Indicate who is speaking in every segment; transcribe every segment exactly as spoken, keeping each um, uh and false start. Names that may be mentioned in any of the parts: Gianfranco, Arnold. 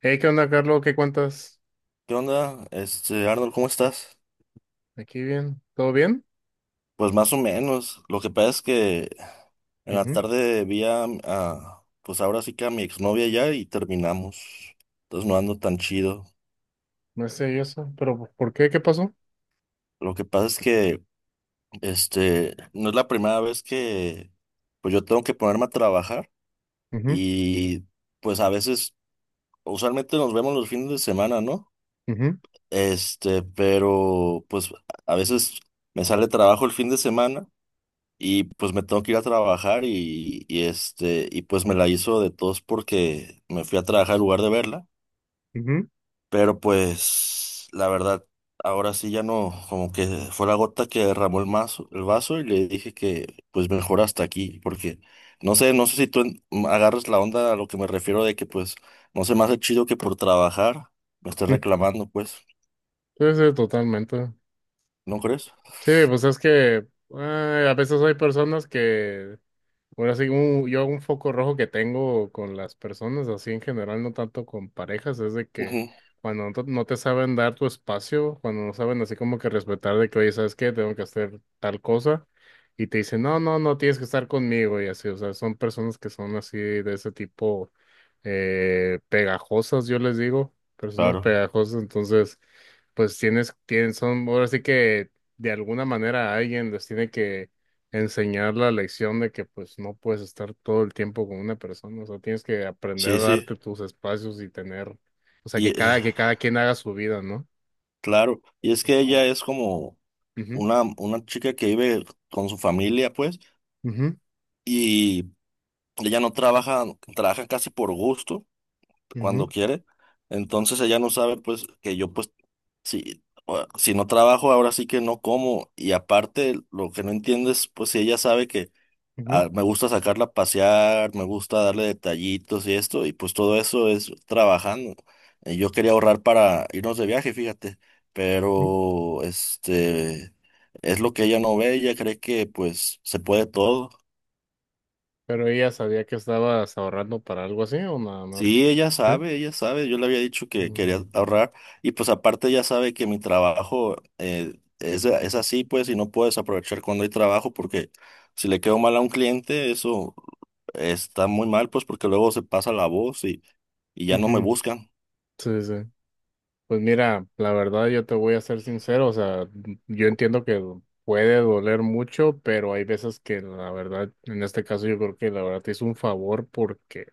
Speaker 1: Hey, ¿qué onda, Carlos? ¿Qué cuentas?
Speaker 2: ¿Qué onda? Este, Arnold, ¿cómo estás?
Speaker 1: ¿Aquí bien? ¿Todo bien?
Speaker 2: Pues más o menos. Lo que pasa es que en la
Speaker 1: Ujú.
Speaker 2: tarde vi a, a- pues ahora sí que a mi exnovia ya y terminamos. Entonces no ando tan chido.
Speaker 1: No sé yo eso, pero ¿por por qué? ¿Qué pasó?
Speaker 2: Lo que pasa es que, este, no es la primera vez que, pues yo tengo que ponerme a trabajar
Speaker 1: Ujú,
Speaker 2: y pues a veces, usualmente nos vemos los fines de semana, ¿no?
Speaker 1: ujú,
Speaker 2: Este, pero pues a veces me sale trabajo el fin de semana. Y pues me tengo que ir a trabajar y, y este, y pues me la hizo de tos porque me fui a trabajar en lugar de verla.
Speaker 1: ujú,
Speaker 2: Pero pues la verdad, ahora sí ya no, como que fue la gota que derramó el mazo, el vaso, y le dije que pues mejor hasta aquí, porque no sé, no sé si tú en- agarras la onda a lo que me refiero de que pues no se me hace chido que por trabajar me estés
Speaker 1: ujú.
Speaker 2: reclamando, pues,
Speaker 1: Sí, sí, totalmente.
Speaker 2: ¿no crees?
Speaker 1: Sí, pues es que eh, a veces hay personas que, bueno, así como yo un foco rojo que tengo con las personas, así en general, no tanto con parejas, es de que
Speaker 2: Ujú.
Speaker 1: cuando no te no te saben dar tu espacio, cuando no saben así como que respetar de que, oye, ¿sabes qué? Tengo que hacer tal cosa, y te dicen, no, no, no tienes que estar conmigo, y así, o sea, son personas que son así de ese tipo eh, pegajosas, yo les digo, personas
Speaker 2: Claro.
Speaker 1: pegajosas, entonces, pues tienes, tienen, son, ahora sí que de alguna manera alguien les tiene enseñar la lección de que pues no puedes estar todo el tiempo con una persona, o sea, tienes que aprender a
Speaker 2: Sí, sí,
Speaker 1: darte tus espacios y tener, o sea,
Speaker 2: y
Speaker 1: que
Speaker 2: eh,
Speaker 1: cada, que cada quien haga su vida, ¿no?
Speaker 2: claro,
Speaker 1: De
Speaker 2: y es
Speaker 1: esa
Speaker 2: que
Speaker 1: forma.
Speaker 2: ella es como
Speaker 1: Ujú,
Speaker 2: una, una chica que vive con su familia, pues,
Speaker 1: ujú,
Speaker 2: y ella no trabaja, trabaja casi por gusto, cuando
Speaker 1: ujú,
Speaker 2: quiere. Entonces ella no sabe, pues, que yo, pues, si, o- si no trabajo, ahora sí que no como. Y aparte, lo que no entiende es, pues, si ella sabe que
Speaker 1: ujú,
Speaker 2: a- me gusta sacarla a pasear, me gusta darle detallitos y esto, y pues todo eso es trabajando. Eh, Yo quería ahorrar para irnos de viaje, fíjate,
Speaker 1: ujú.
Speaker 2: pero este es lo que ella no ve, ella cree que pues se puede todo.
Speaker 1: Pero ella sabía que estabas ahorrando para algo así o nada
Speaker 2: Sí,
Speaker 1: más.
Speaker 2: ella
Speaker 1: ¿Sí?
Speaker 2: sabe, ella sabe, yo le había dicho que quería
Speaker 1: Mm.
Speaker 2: ahorrar, y pues aparte ella sabe que mi trabajo eh, es, es así, pues, y no puedes aprovechar cuando hay trabajo porque si le quedo mal a un cliente eso está muy mal, pues, porque luego se pasa la voz y, y ya no me
Speaker 1: Ujú.
Speaker 2: buscan.
Speaker 1: Sí, sí, sí. Pues mira, la verdad yo te voy a ser sincero, o sea, yo entiendo que puede doler mucho, pero hay veces que la verdad, en este caso yo creo que la verdad te hizo un favor porque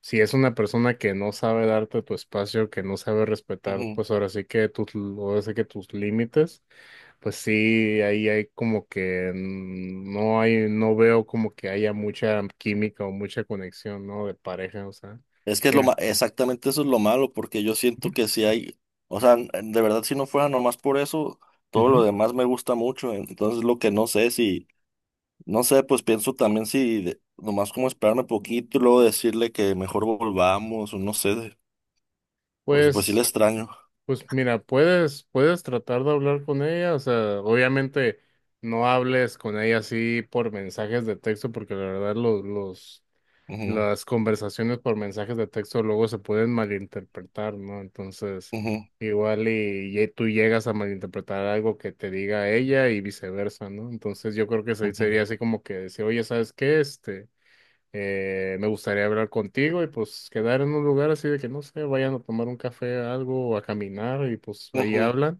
Speaker 1: si es una persona que no sabe darte tu espacio, que no sabe respetar,
Speaker 2: Ujú.
Speaker 1: pues ahora sí que tus, ahora sí que tus límites, pues sí, ahí hay como que mm, no hay, no veo como que haya mucha química o mucha conexión, ¿no? De pareja, o sea.
Speaker 2: Es que es lo
Speaker 1: Ya.
Speaker 2: ma- exactamente eso es lo malo, porque yo siento
Speaker 1: Ujú.
Speaker 2: que si hay, o sea, de verdad, si no fuera nomás por eso, todo lo
Speaker 1: Ujú.
Speaker 2: demás me gusta mucho, entonces lo que no sé si... No sé, pues pienso también si de- nomás como esperarme poquito y luego decirle que mejor volvamos, o no sé, de- porque pues sí le
Speaker 1: Pues
Speaker 2: extraño.
Speaker 1: Pues mira, puedes, puedes tratar de hablar con ella, o sea, obviamente no hables con ella así por mensajes de texto, porque la verdad los, los,
Speaker 2: Ujú,
Speaker 1: las conversaciones por mensajes de texto luego se pueden malinterpretar, ¿no? Entonces,
Speaker 2: ujú,
Speaker 1: igual y, y tú llegas a malinterpretar algo que te diga ella y viceversa, ¿no? Entonces yo creo que se- sería
Speaker 2: ujú,
Speaker 1: así como que decir, oye, ¿sabes qué? Este... Eh, me gustaría hablar contigo y pues quedar en un lugar así de que no sé, vayan a tomar un café, algo, o a caminar y pues ahí
Speaker 2: ujú.
Speaker 1: hablan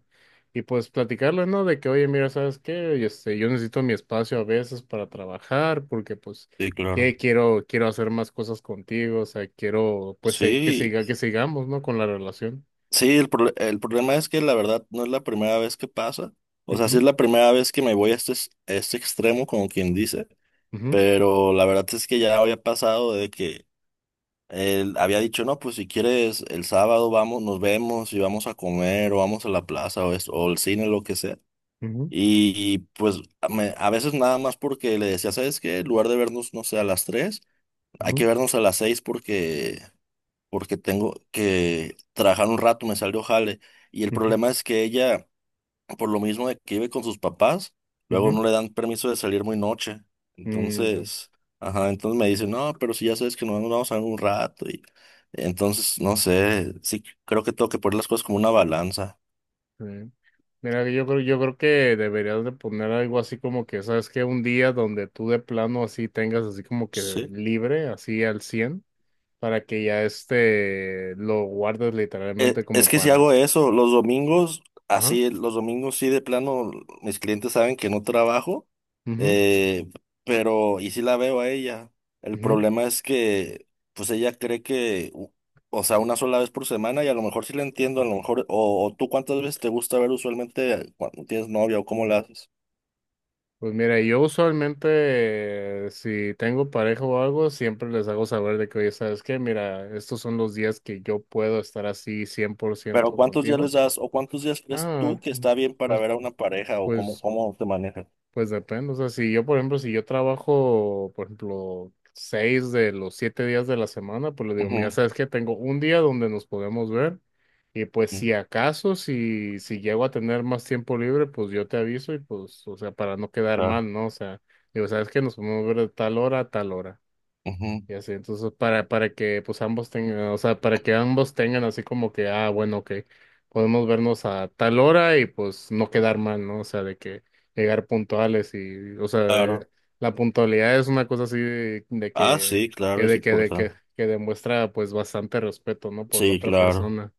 Speaker 1: y pues platicarles, ¿no? De que, oye, mira, ¿sabes qué? Este, yo necesito mi espacio a veces para trabajar porque pues
Speaker 2: Sí, claro.
Speaker 1: que quiero, quiero hacer más cosas contigo, o sea, quiero pues se- que
Speaker 2: Sí,
Speaker 1: siga, que sigamos, ¿no? Con la relación.
Speaker 2: sí, el, prole- el problema es que la verdad no es la primera vez que pasa. O sea, sí es
Speaker 1: Ujú,
Speaker 2: la primera vez que me voy a este, es- a este extremo, como quien dice,
Speaker 1: ujú,
Speaker 2: pero la verdad es que ya había pasado de que él había dicho, no, pues si quieres el sábado vamos, nos vemos y vamos a comer o vamos a la plaza o, esto, o el cine, lo que sea.
Speaker 1: ujú,
Speaker 2: Y pues a me- a veces nada más porque le decía, ¿sabes qué? En lugar de vernos, no sé, a las tres, hay que
Speaker 1: ujú,
Speaker 2: vernos a las seis, porque, porque tengo que trabajar un rato, me salió jale. Y el
Speaker 1: ujú,
Speaker 2: problema es que ella, por lo mismo de que vive con sus papás, luego
Speaker 1: ujú.
Speaker 2: no le dan permiso de salir muy noche.
Speaker 1: Mm.
Speaker 2: Entonces, ajá, entonces me dice, no, pero si ya sabes que nos vamos vamos a ver un rato. Y entonces, no sé, sí, creo que tengo que poner las cosas como una balanza.
Speaker 1: Sí. Mira, yo creo, yo creo que deberías de poner algo así como que, ¿sabes que Un día donde tú de plano así tengas así como que
Speaker 2: Sí.
Speaker 1: libre, así al cien para que ya este lo guardes
Speaker 2: Eh,
Speaker 1: literalmente
Speaker 2: Es
Speaker 1: como
Speaker 2: que si
Speaker 1: para...
Speaker 2: hago eso, los domingos,
Speaker 1: Ajá.
Speaker 2: así, los domingos sí de plano, mis clientes saben que no trabajo,
Speaker 1: Ujú,
Speaker 2: eh, pero, y sí la veo a ella. El
Speaker 1: ujú.
Speaker 2: problema es que, pues ella cree que, u- o sea, una sola vez por semana, y a lo mejor sí la entiendo, a lo mejor, o, o tú cuántas veces te gusta ver usualmente eh, cuando tienes novia, o cómo la haces,
Speaker 1: Pues mira, yo usualmente eh, si tengo pareja o algo, siempre les hago saber de que, oye, ¿sabes qué? Mira, estos son los días que yo puedo estar así cien por
Speaker 2: pero
Speaker 1: ciento
Speaker 2: cuántos días
Speaker 1: contigo.
Speaker 2: les das, o cuántos días crees
Speaker 1: Ah,
Speaker 2: tú que está bien para
Speaker 1: pues...
Speaker 2: ver a una pareja, o cómo,
Speaker 1: Pues
Speaker 2: cómo te manejas.
Speaker 1: Pues depende, o sea, si yo, por ejemplo, si yo trabajo, por ejemplo, seis de los siete días de la semana, pues le digo, mira,
Speaker 2: Ujú,
Speaker 1: sabes que tengo un día donde nos podemos ver y pues
Speaker 2: ujú,
Speaker 1: si acaso, si, si llego a tener más tiempo libre, pues yo te aviso y pues, o sea, para no quedar
Speaker 2: claro,
Speaker 1: mal, ¿no? O sea, digo, sabes que nos podemos ver de tal hora a tal hora.
Speaker 2: ujú,
Speaker 1: Y así, entonces, para, para que pues ambos tengan, o sea, para que ambos tengan así como que, ah, bueno, que podemos vernos a tal hora y pues no quedar mal, ¿no? O sea, de que llegar puntuales y, o sea,
Speaker 2: claro.
Speaker 1: eh, la puntualidad es una cosa así de, de
Speaker 2: Ah,
Speaker 1: que,
Speaker 2: sí, claro,
Speaker 1: que,
Speaker 2: es
Speaker 1: de que, de que,
Speaker 2: importante.
Speaker 1: que demuestra pues bastante respeto, ¿no? Por la
Speaker 2: Sí,
Speaker 1: otra
Speaker 2: claro.
Speaker 1: persona.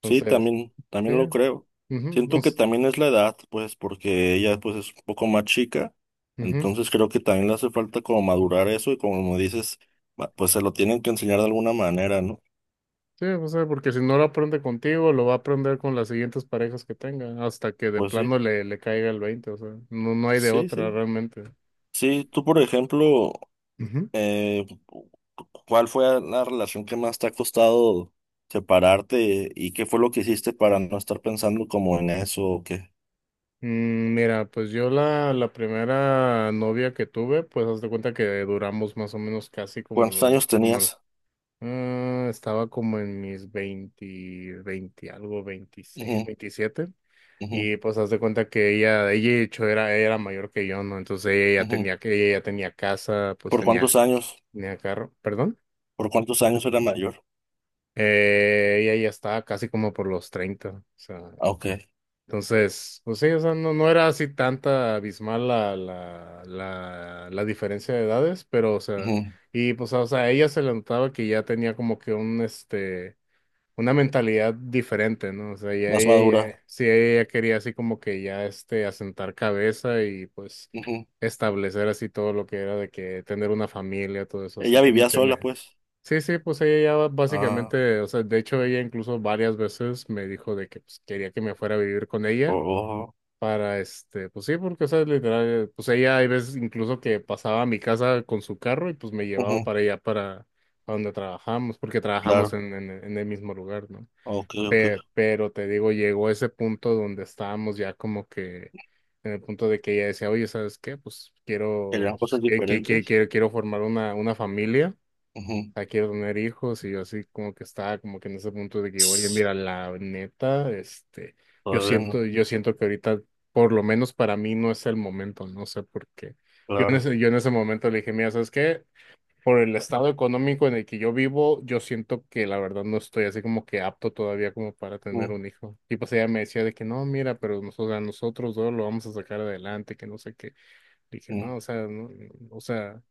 Speaker 2: Sí,
Speaker 1: Entonces,
Speaker 2: también,
Speaker 1: sí.
Speaker 2: también lo creo. Siento que también es la edad, pues, porque ella, pues, es un poco más chica.
Speaker 1: Mhm.
Speaker 2: Entonces creo que también le hace falta como madurar eso y, como dices, ma- pues se lo tienen que enseñar de alguna manera, ¿no?
Speaker 1: Sí, o sea, porque si no lo aprende contigo, lo va a aprender con las siguientes parejas que tenga, hasta que de
Speaker 2: Pues
Speaker 1: plano
Speaker 2: sí,
Speaker 1: le, le caiga el veinte, o sea, no, no hay de
Speaker 2: sí,
Speaker 1: otra
Speaker 2: sí.
Speaker 1: realmente.
Speaker 2: Sí, tú, por ejemplo,
Speaker 1: Ujú.
Speaker 2: eh, ¿cuál fue la relación que más te ha costado separarte y qué fue lo que hiciste para no estar pensando como en eso o qué?
Speaker 1: Mm. Mira, pues yo la, la primera novia que tuve, pues haz de cuenta que duramos más o menos casi como
Speaker 2: ¿Cuántos
Speaker 1: los,
Speaker 2: años
Speaker 1: como lo-
Speaker 2: tenías?
Speaker 1: ah, estaba como en mis veinte, veinte algo, veintiséis, veintisiete,
Speaker 2: Ujú,
Speaker 1: y pues haz de cuenta que ella, ella de hecho era, era mayor que yo, ¿no? Entonces ella ya
Speaker 2: ujú.
Speaker 1: tenía, que- ella ya tenía casa, pues
Speaker 2: ¿Por
Speaker 1: tenía
Speaker 2: cuántos años?
Speaker 1: Tenía carro, perdón.
Speaker 2: ¿Por cuántos años era mayor?
Speaker 1: Eh, ella ya estaba casi como por los treinta, o sea,
Speaker 2: Ah, ok.
Speaker 1: entonces, pues sí, o sea, no, no era así tanta abismal la, la, la, la diferencia de edades, pero, o sea,
Speaker 2: Ujú.
Speaker 1: y pues, o sea, a ella se le notaba que ya tenía como que un, este, una mentalidad diferente, ¿no? O sea, ya
Speaker 2: Más
Speaker 1: ella,
Speaker 2: madura.
Speaker 1: ya- sí, ella ya quería así como que ya, este, asentar cabeza y pues
Speaker 2: Ujú.
Speaker 1: establecer así todo lo que era de que tener una familia, todo eso, o
Speaker 2: Ella
Speaker 1: sea,
Speaker 2: vivía sola,
Speaker 1: tener.
Speaker 2: pues.
Speaker 1: Sí, sí, pues ella ya
Speaker 2: Ah,
Speaker 1: básicamente, o sea, de hecho ella incluso varias veces me dijo de que pues, quería que me fuera a vivir con
Speaker 2: oh,
Speaker 1: ella
Speaker 2: oh,
Speaker 1: para este, pues sí, porque o sea, literal, pues ella hay veces incluso que pasaba a mi casa con su carro y pues me llevaba
Speaker 2: ujú.
Speaker 1: para allá para a donde trabajamos, porque trabajamos
Speaker 2: Claro.
Speaker 1: en, en, en el mismo lugar, ¿no?
Speaker 2: Ok,
Speaker 1: Pe-
Speaker 2: ok.
Speaker 1: pero te digo, llegó ese punto donde estábamos ya como que en el punto de que ella decía, oye, ¿sabes qué? Pues quiero,
Speaker 2: Querían
Speaker 1: pues,
Speaker 2: cosas
Speaker 1: que, que- que-
Speaker 2: diferentes.
Speaker 1: quiero, quiero formar una, una familia,
Speaker 2: Ujú.
Speaker 1: sea, quiero tener hijos, y yo así como que estaba como que en ese punto de que, oye,
Speaker 2: Tss.
Speaker 1: mira, la neta, este, yo
Speaker 2: Todavía no.
Speaker 1: siento, yo siento que ahorita, por lo menos para mí, no es el momento, no sé por qué. Yo en
Speaker 2: Claro.
Speaker 1: ese, yo en ese momento le dije, mira, ¿sabes qué? Por el estado económico en el que yo vivo, yo siento que la verdad no estoy así como que apto todavía como para tener
Speaker 2: Ujú,
Speaker 1: un hijo. Y pues ella me decía de que no, mira, pero nosotros, a nosotros dos lo vamos a sacar adelante, que no sé qué. Dije, no,
Speaker 2: ujú.
Speaker 1: o sea, no, o sea.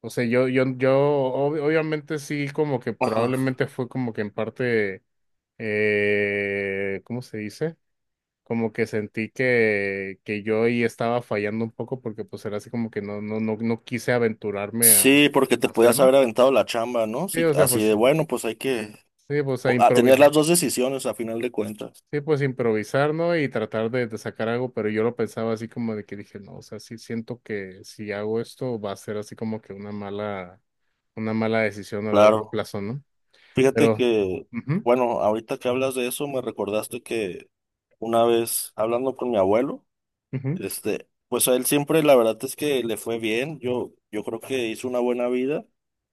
Speaker 1: O sea, yo, yo, yo ob- obviamente sí, como que
Speaker 2: Ajá.
Speaker 1: probablemente fue como que en parte, eh, ¿cómo se dice? Como que sentí que, que yo ahí estaba fallando un poco porque pues era así como que no, no, no, no quise aventurarme a, a
Speaker 2: Sí, porque te podías
Speaker 1: hacerlo.
Speaker 2: haber aventado la chamba, ¿no?
Speaker 1: Sí,
Speaker 2: Sí,
Speaker 1: o sea,
Speaker 2: así
Speaker 1: pues
Speaker 2: de
Speaker 1: sí,
Speaker 2: bueno, pues hay que
Speaker 1: sí, pues a
Speaker 2: po- a tener
Speaker 1: improvisar.
Speaker 2: las dos decisiones a final de cuentas.
Speaker 1: Sí, pues improvisar, ¿no? Y tratar de, de sacar algo, pero yo lo pensaba así como de que dije, no, o sea, sí siento que si hago esto va a ser así como que una mala, una mala decisión a largo
Speaker 2: Claro.
Speaker 1: plazo, ¿no?
Speaker 2: Fíjate
Speaker 1: Pero,
Speaker 2: que,
Speaker 1: Ujú,
Speaker 2: bueno, ahorita que hablas de eso, me recordaste que una vez hablando con mi abuelo,
Speaker 1: ujú,
Speaker 2: este, pues a él siempre la verdad es que le fue bien. Yo, yo creo que hizo una buena vida.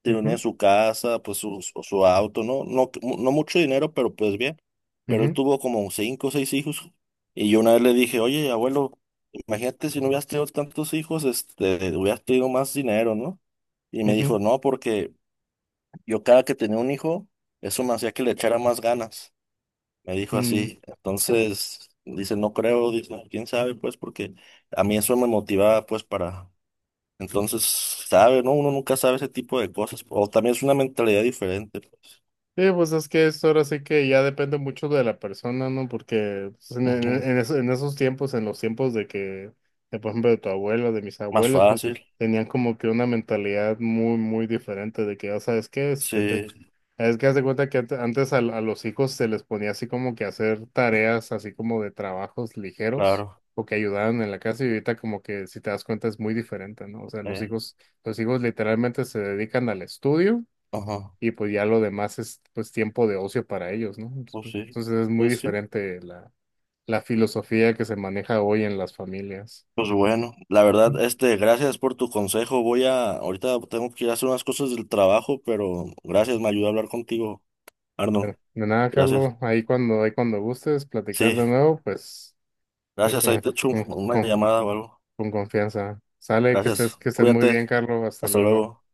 Speaker 2: Tiene
Speaker 1: ujú,
Speaker 2: su casa, pues su, su su auto, ¿no? No, no mucho dinero, pero pues bien. Pero él
Speaker 1: ujú,
Speaker 2: tuvo como cinco o seis hijos. Y yo una vez le dije, oye, abuelo, imagínate si no hubieras tenido tantos hijos, este, hubieras tenido más dinero, ¿no? Y me
Speaker 1: ujú.
Speaker 2: dijo, no, porque yo cada que tenía un hijo, eso me hacía que le echara más ganas, me dijo
Speaker 1: Mm.
Speaker 2: así. Entonces, dice, no creo, dice, quién sabe, pues, porque a mí eso me motivaba, pues, para... Entonces, sabe, ¿no? Uno nunca sabe ese tipo de cosas. O también es una mentalidad diferente, pues.
Speaker 1: Sí, pues es que eso ahora sí que ya depende mucho de la persona, ¿no? Porque pues, en, en-
Speaker 2: Ujú.
Speaker 1: en eso- en esos tiempos, en los tiempos de que, de, por ejemplo, de tu abuelo, de mis
Speaker 2: Más
Speaker 1: abuelos, pues
Speaker 2: fácil,
Speaker 1: tenían como que una mentalidad muy, muy diferente de que, ya sabes qué, este, te-
Speaker 2: sí,
Speaker 1: es que haz de cuenta que ante- antes a, a los hijos se les ponía así como que hacer tareas así como de trabajos ligeros
Speaker 2: claro.
Speaker 1: o que ayudaban en la casa y ahorita como que si te das cuenta es muy diferente, ¿no? O sea, los
Speaker 2: eh,
Speaker 1: hijos, los hijos literalmente se dedican al estudio
Speaker 2: ajá,
Speaker 1: y pues ya lo demás es pues tiempo de ocio para ellos, ¿no?
Speaker 2: pues sí,
Speaker 1: Entonces es muy
Speaker 2: pues sí.
Speaker 1: diferente la, la filosofía que se maneja hoy en las familias.
Speaker 2: Pues bueno, la
Speaker 1: Ujú.
Speaker 2: verdad, este, gracias por tu consejo. Voy a, ahorita tengo que ir a hacer unas cosas del trabajo, pero gracias, me ayudó a hablar contigo, Arno.
Speaker 1: Pero, de nada,
Speaker 2: Gracias.
Speaker 1: Carlos, ahí cuando, ahí cuando gustes platicar
Speaker 2: Sí,
Speaker 1: de nuevo, pues es,
Speaker 2: gracias. Ahí
Speaker 1: eh,
Speaker 2: te echo
Speaker 1: con-
Speaker 2: una
Speaker 1: con-
Speaker 2: llamada o algo.
Speaker 1: con confianza. Sale, que
Speaker 2: Gracias.
Speaker 1: estés, que estés muy
Speaker 2: Cuídate.
Speaker 1: bien, Carlos. Hasta
Speaker 2: Hasta
Speaker 1: luego.
Speaker 2: luego.